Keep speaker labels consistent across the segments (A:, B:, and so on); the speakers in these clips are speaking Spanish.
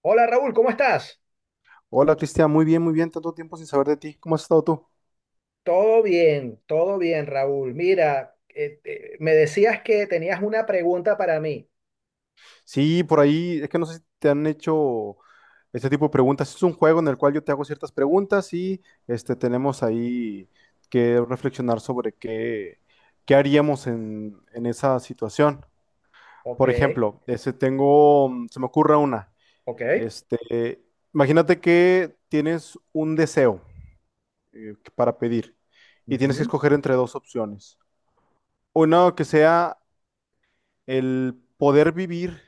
A: Hola Raúl, ¿cómo estás?
B: Hola Cristian, muy bien, tanto tiempo sin saber de ti. ¿Cómo has estado tú?
A: Todo bien, Raúl. Mira, me decías que tenías una pregunta para mí.
B: Sí, por ahí, es que no sé si te han hecho este tipo de preguntas. Es un juego en el cual yo te hago ciertas preguntas y tenemos ahí que reflexionar sobre qué haríamos en esa situación.
A: Ok,
B: Por ejemplo, se me ocurre una.
A: ok.
B: Este, Imagínate que tienes un deseo para pedir y tienes que
A: Ujú.
B: escoger entre dos opciones. Una que sea el poder vivir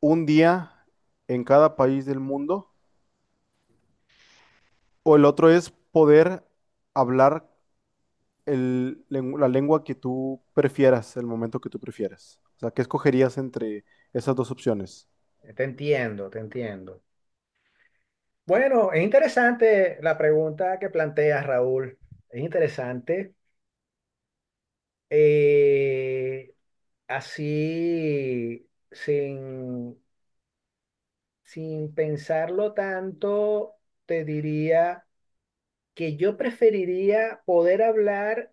B: un día en cada país del mundo, o el otro es poder hablar la lengua que tú prefieras, el momento que tú prefieras. O sea, ¿qué escogerías entre esas dos opciones?
A: Te entiendo, te entiendo. Bueno, es interesante la pregunta que planteas, Raúl. Es interesante. Eh, así, sin, sin pensarlo tanto, te diría que yo preferiría poder hablar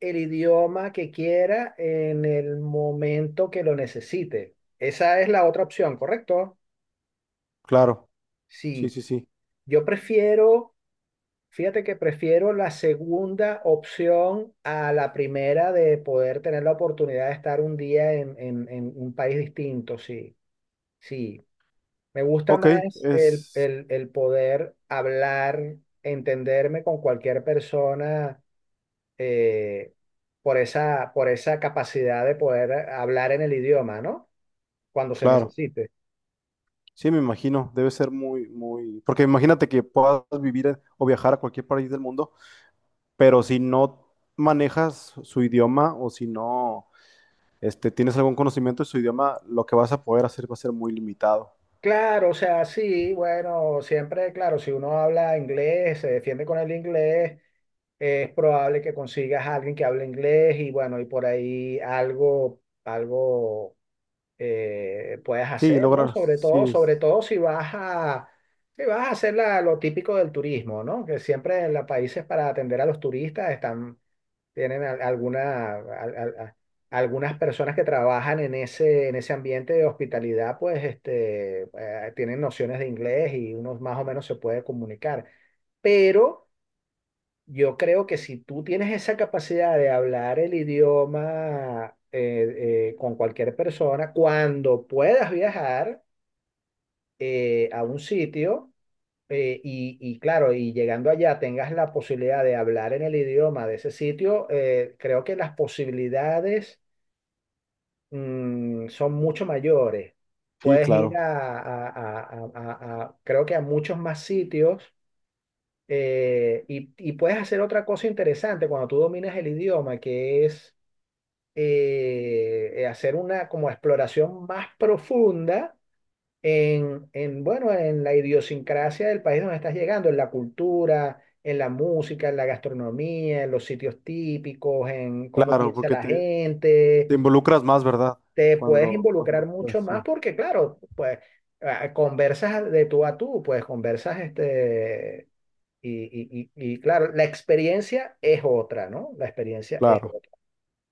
A: el idioma que quiera en el momento que lo necesite. Esa es la otra opción, ¿correcto?
B: Claro, sí,
A: Sí,
B: sí, sí.
A: yo prefiero, fíjate que prefiero la segunda opción a la primera de poder tener la oportunidad de estar un día en un país distinto, sí, sí. Me gusta
B: Ok,
A: más el,
B: es
A: el el poder hablar, entenderme con cualquier persona eh, por esa capacidad de poder hablar en el idioma, ¿no? Cuando se
B: claro.
A: necesite.
B: Sí, me imagino, debe ser muy, muy. Porque imagínate que puedas vivir o viajar a cualquier país del mundo, pero si no manejas su idioma o si no tienes algún conocimiento de su idioma, lo que vas a poder hacer va a ser muy limitado.
A: Claro, o sea, sí, bueno, siempre, claro, si uno habla inglés, se defiende con el inglés, es probable que consigas a alguien que hable inglés y bueno, y por ahí algo puedas
B: Sí,
A: hacer, ¿no?
B: lograr, sí,
A: Sobre todo si vas a hacer lo típico del turismo, ¿no? Que siempre en los países para atender a los turistas están tienen algunas personas que trabajan en ese ambiente de hospitalidad, pues este, tienen nociones de inglés y uno más o menos se puede comunicar. Pero yo creo que si tú tienes esa capacidad de hablar el idioma con cualquier persona, cuando puedas viajar a un sitio, y claro, y llegando allá tengas la posibilidad de hablar en el idioma de ese sitio, creo que las posibilidades son mucho mayores.
B: sí,
A: Puedes ir
B: claro,
A: creo que a muchos más sitios y puedes hacer otra cosa interesante cuando tú dominas el idioma, que es hacer una como exploración más profunda bueno, en la idiosincrasia del país donde estás llegando, en la cultura, en la música, en la gastronomía, en los sitios típicos, en cómo
B: claro,
A: piensa
B: porque
A: la
B: te
A: gente.
B: involucras más, ¿verdad?
A: Te puedes involucrar
B: Cuando, pues
A: mucho más
B: sí,
A: porque, claro, pues ah, conversas de tú a tú, pues conversas este. Claro, la experiencia es otra, ¿no? La experiencia es
B: claro,
A: otra.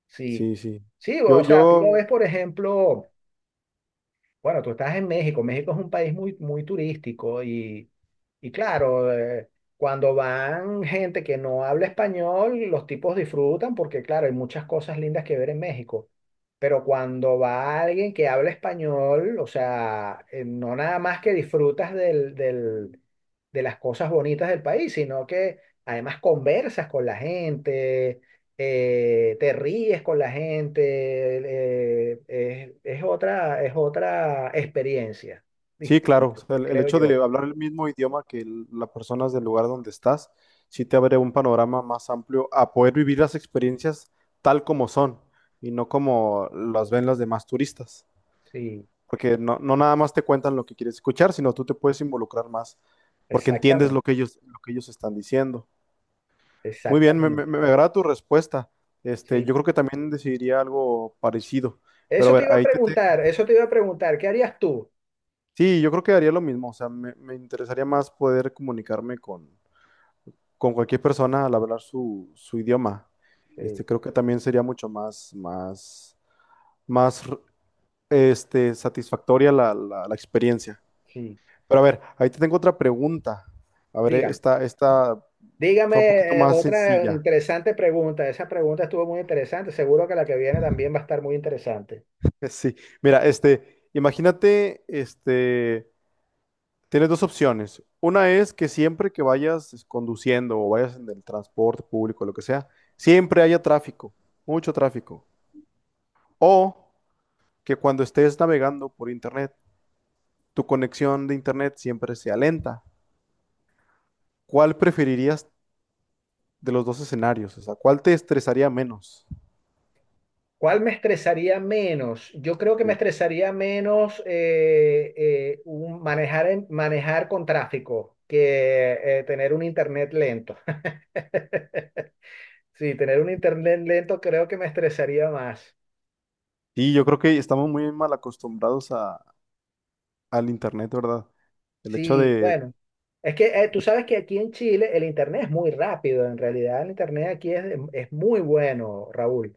A: Sí,
B: sí, sí.
A: sí,
B: Yo,
A: o sea, tú lo
B: yo,
A: ves, por ejemplo. Bueno, tú estás en México. México es un país muy, muy turístico y claro, cuando van gente que no habla español, los tipos disfrutan porque, claro, hay muchas cosas lindas que ver en México. Pero cuando va alguien que habla español, o sea, no nada más que disfrutas del, del- de las cosas bonitas del país, sino que además conversas con la gente, te ríes con la gente, es otra experiencia
B: sí, claro, o
A: distinta,
B: sea, el
A: creo
B: hecho de
A: yo.
B: hablar el mismo idioma que las personas del lugar donde estás, sí te abre un panorama más amplio a poder vivir las experiencias tal como son y no como las ven las demás turistas.
A: Sí,
B: Porque no nada más te cuentan lo que quieres escuchar, sino tú te puedes involucrar más, porque entiendes
A: exactamente,
B: lo que ellos están diciendo. Muy bien,
A: exactamente.
B: me agrada tu respuesta.
A: Sí.
B: Yo creo que también decidiría algo parecido. Pero a
A: Eso te
B: ver,
A: iba a preguntar, eso te iba a preguntar, ¿qué harías tú?
B: Sí, yo creo que haría lo mismo. O sea, me interesaría más poder comunicarme con cualquier persona al hablar su idioma.
A: Sí,
B: Creo que también sería mucho más, satisfactoria la experiencia.
A: sí.
B: Pero a ver, ahí te tengo otra pregunta. A ver,
A: Dígame,
B: esta está un poquito
A: dígame
B: más
A: otra
B: sencilla.
A: interesante pregunta. Esa pregunta estuvo muy interesante, seguro que la que viene también va a estar muy interesante.
B: Sí, mira, imagínate, tienes dos opciones. Una es que siempre que vayas conduciendo o vayas en el transporte público, lo que sea, siempre haya tráfico, mucho tráfico. O que cuando estés navegando por internet, tu conexión de internet siempre sea lenta. ¿Cuál preferirías de los dos escenarios? O sea, ¿cuál te estresaría menos?
A: ¿Cuál me estresaría menos? Yo creo que me
B: Sí.
A: estresaría menos manejar con tráfico que tener un internet lento. Sí, tener un internet lento creo que me estresaría más.
B: Sí, yo creo que estamos muy mal acostumbrados al internet, ¿verdad? El hecho
A: Sí,
B: de,
A: bueno. Es que tú sabes que aquí en Chile el internet es muy rápido. En realidad el internet aquí es muy bueno, Raúl.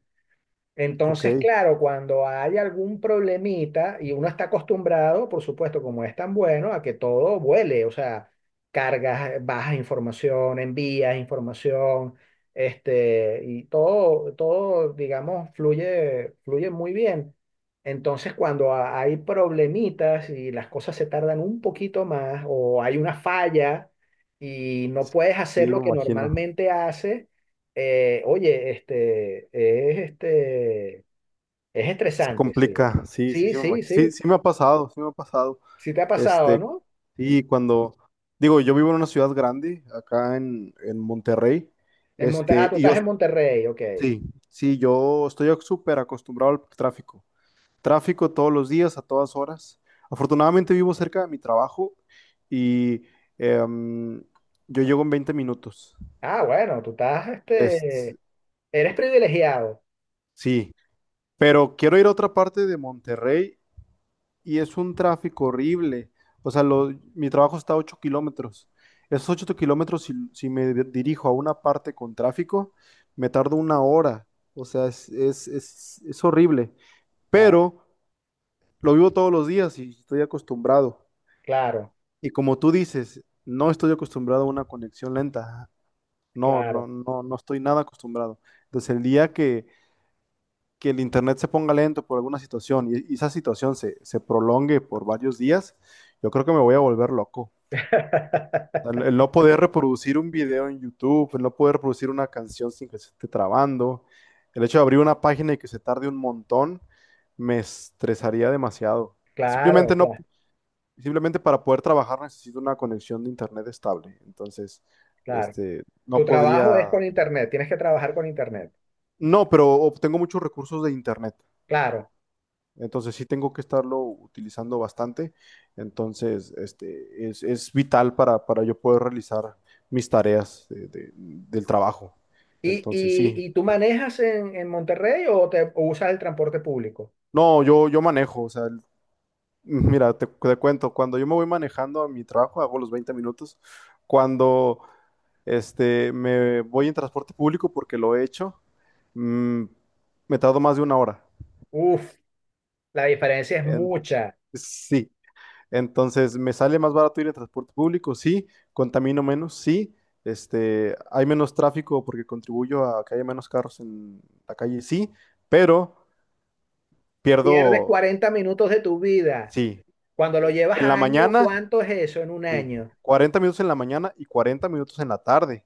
B: ok,
A: Entonces,
B: sí,
A: claro, cuando hay algún problemita y uno está acostumbrado, por supuesto, como es tan bueno, a que todo vuele, o sea, cargas, bajas información, envías información, este, y todo, todo, digamos, fluye, fluye muy bien. Entonces, cuando hay problemitas y las cosas se tardan un poquito más o hay una falla y no puedes hacer
B: me
A: lo que
B: imagino,
A: normalmente haces, oye, es
B: se
A: estresante, sí.
B: complica, sí, sí,
A: Sí,
B: sí, me imagino.
A: sí, sí.
B: Sí, sí me ha pasado, sí me ha pasado.
A: Sí te ha pasado,
B: Este,
A: ¿no?
B: sí, digo, yo vivo en una ciudad grande, acá en Monterrey,
A: Ah,
B: este,
A: tú
B: y yo,
A: estás en Monterrey, ok.
B: sí, sí, yo estoy súper acostumbrado al tráfico. Tráfico todos los días, a todas horas. Afortunadamente vivo cerca de mi trabajo y em, yo llego en 20 minutos.
A: Ah, bueno, tú
B: Es,
A: eres privilegiado.
B: sí, pero quiero ir a otra parte de Monterrey y es un tráfico horrible. O sea, mi trabajo está a 8 kilómetros. Esos 8 kilómetros, si dirijo a una parte con tráfico, me tardo una hora. O sea, es horrible.
A: Claro,
B: Pero lo vivo todos los días y estoy acostumbrado.
A: claro,
B: Y como tú dices, no estoy acostumbrado a una conexión lenta. No, no,
A: claro.
B: no, no estoy nada acostumbrado. Entonces, el día que el internet se ponga lento por alguna situación y esa situación se prolongue por varios días, yo creo que me voy a volver loco. O sea, El, el no poder reproducir un video en YouTube, el no poder reproducir una canción sin que se esté trabando, el hecho de abrir una página y que se tarde un montón, me estresaría demasiado.
A: Claro,
B: Simplemente no.
A: claro,
B: Simplemente para poder trabajar necesito una conexión de internet estable. Entonces,
A: claro. Tu
B: no
A: trabajo es
B: podría,
A: con internet, tienes que trabajar con internet.
B: no, pero obtengo muchos recursos de internet.
A: Claro.
B: Entonces sí tengo que estarlo utilizando bastante. Entonces, es vital para yo poder realizar mis tareas del trabajo.
A: ¿Y,
B: Entonces, sí.
A: y, y tú manejas en Monterrey o usas el transporte público?
B: No, yo manejo, o sea, mira, te cuento, cuando yo me voy manejando a mi trabajo, hago los 20 minutos. Cuando me voy en transporte público, porque lo he hecho, mm, me tardo más de una hora.
A: Uf, la diferencia es
B: En-
A: mucha.
B: sí, entonces, ¿me sale más barato ir en transporte público? Sí. ¿Contamino menos? Sí. ¿Hay menos tráfico porque contribuyo a que haya menos carros en la calle? Sí. Pero
A: Pierdes
B: pierdo,
A: 40 minutos de tu vida.
B: sí.
A: Cuando lo llevas
B: En
A: a
B: la
A: año,
B: mañana,
A: ¿cuánto es eso en un
B: sí.
A: año?
B: 40 minutos en la mañana y 40 minutos en la tarde.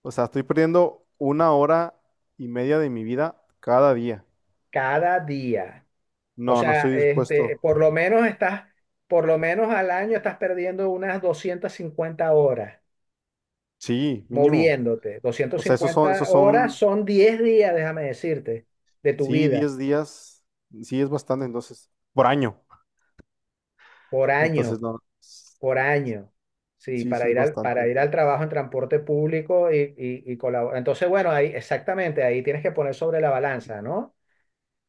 B: O sea, estoy perdiendo una hora y media de mi vida cada día.
A: Cada día. O
B: No, no
A: sea,
B: estoy dispuesto.
A: este, por lo menos al año estás perdiendo unas 250 horas
B: Sí, mínimo.
A: moviéndote.
B: O
A: doscientas
B: sea,
A: cincuenta
B: esos
A: horas
B: son,
A: son 10 días, déjame decirte, de tu
B: sí,
A: vida,
B: 10 días. Sí, es bastante, entonces, por año.
A: por año,
B: Entonces, no,
A: por año. Sí,
B: sí, sí,
A: para
B: es bastante.
A: para ir al
B: Entonces.
A: trabajo en transporte público y colaborar. Entonces, bueno, ahí exactamente, ahí tienes que poner sobre la balanza, ¿no?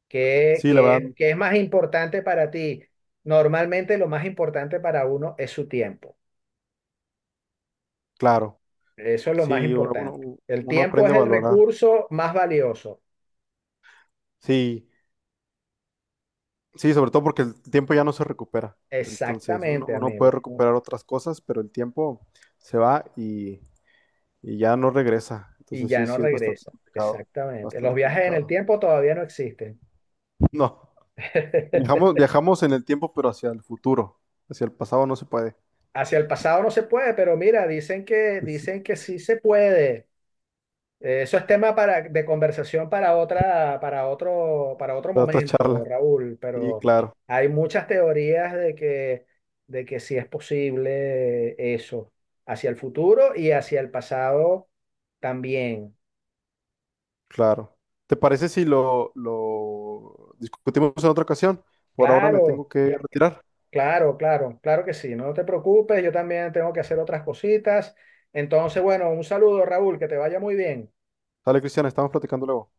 A: ¿Qué,
B: Sí, la verdad,
A: qué- qué es más importante para ti? Normalmente lo más importante para uno es su tiempo.
B: claro.
A: Eso es lo más
B: Sí,
A: importante. El
B: uno
A: tiempo
B: aprende
A: es
B: a
A: el
B: valorar.
A: recurso más valioso.
B: Sí, sí, sobre todo porque el tiempo ya no se recupera. Entonces,
A: Exactamente,
B: uno puede
A: amigo.
B: recuperar otras cosas, pero el tiempo se va y ya no regresa.
A: Y
B: Entonces,
A: ya
B: sí,
A: no
B: sí, es bastante
A: regresa.
B: complicado.
A: Exactamente. Los
B: Bastante
A: viajes en el
B: complicado.
A: tiempo todavía no existen.
B: No, viajamos en el tiempo, pero hacia el futuro. Hacia el pasado no se puede.
A: Hacia el pasado no se puede, pero mira,
B: Es
A: dicen que sí se puede. Eso es tema de conversación para otro
B: para otra
A: momento,
B: charla.
A: Raúl,
B: Sí,
A: pero
B: claro.
A: hay muchas teorías de que sí es posible eso, hacia el futuro y hacia el pasado también.
B: Claro. ¿Te parece si lo discutimos en otra ocasión? Por ahora me
A: Claro,
B: tengo que retirar.
A: claro, claro, claro que sí, no te preocupes, yo también tengo que hacer otras cositas. Entonces, bueno, un saludo, Raúl, que te vaya muy bien.
B: Dale, Cristian, estamos platicando luego.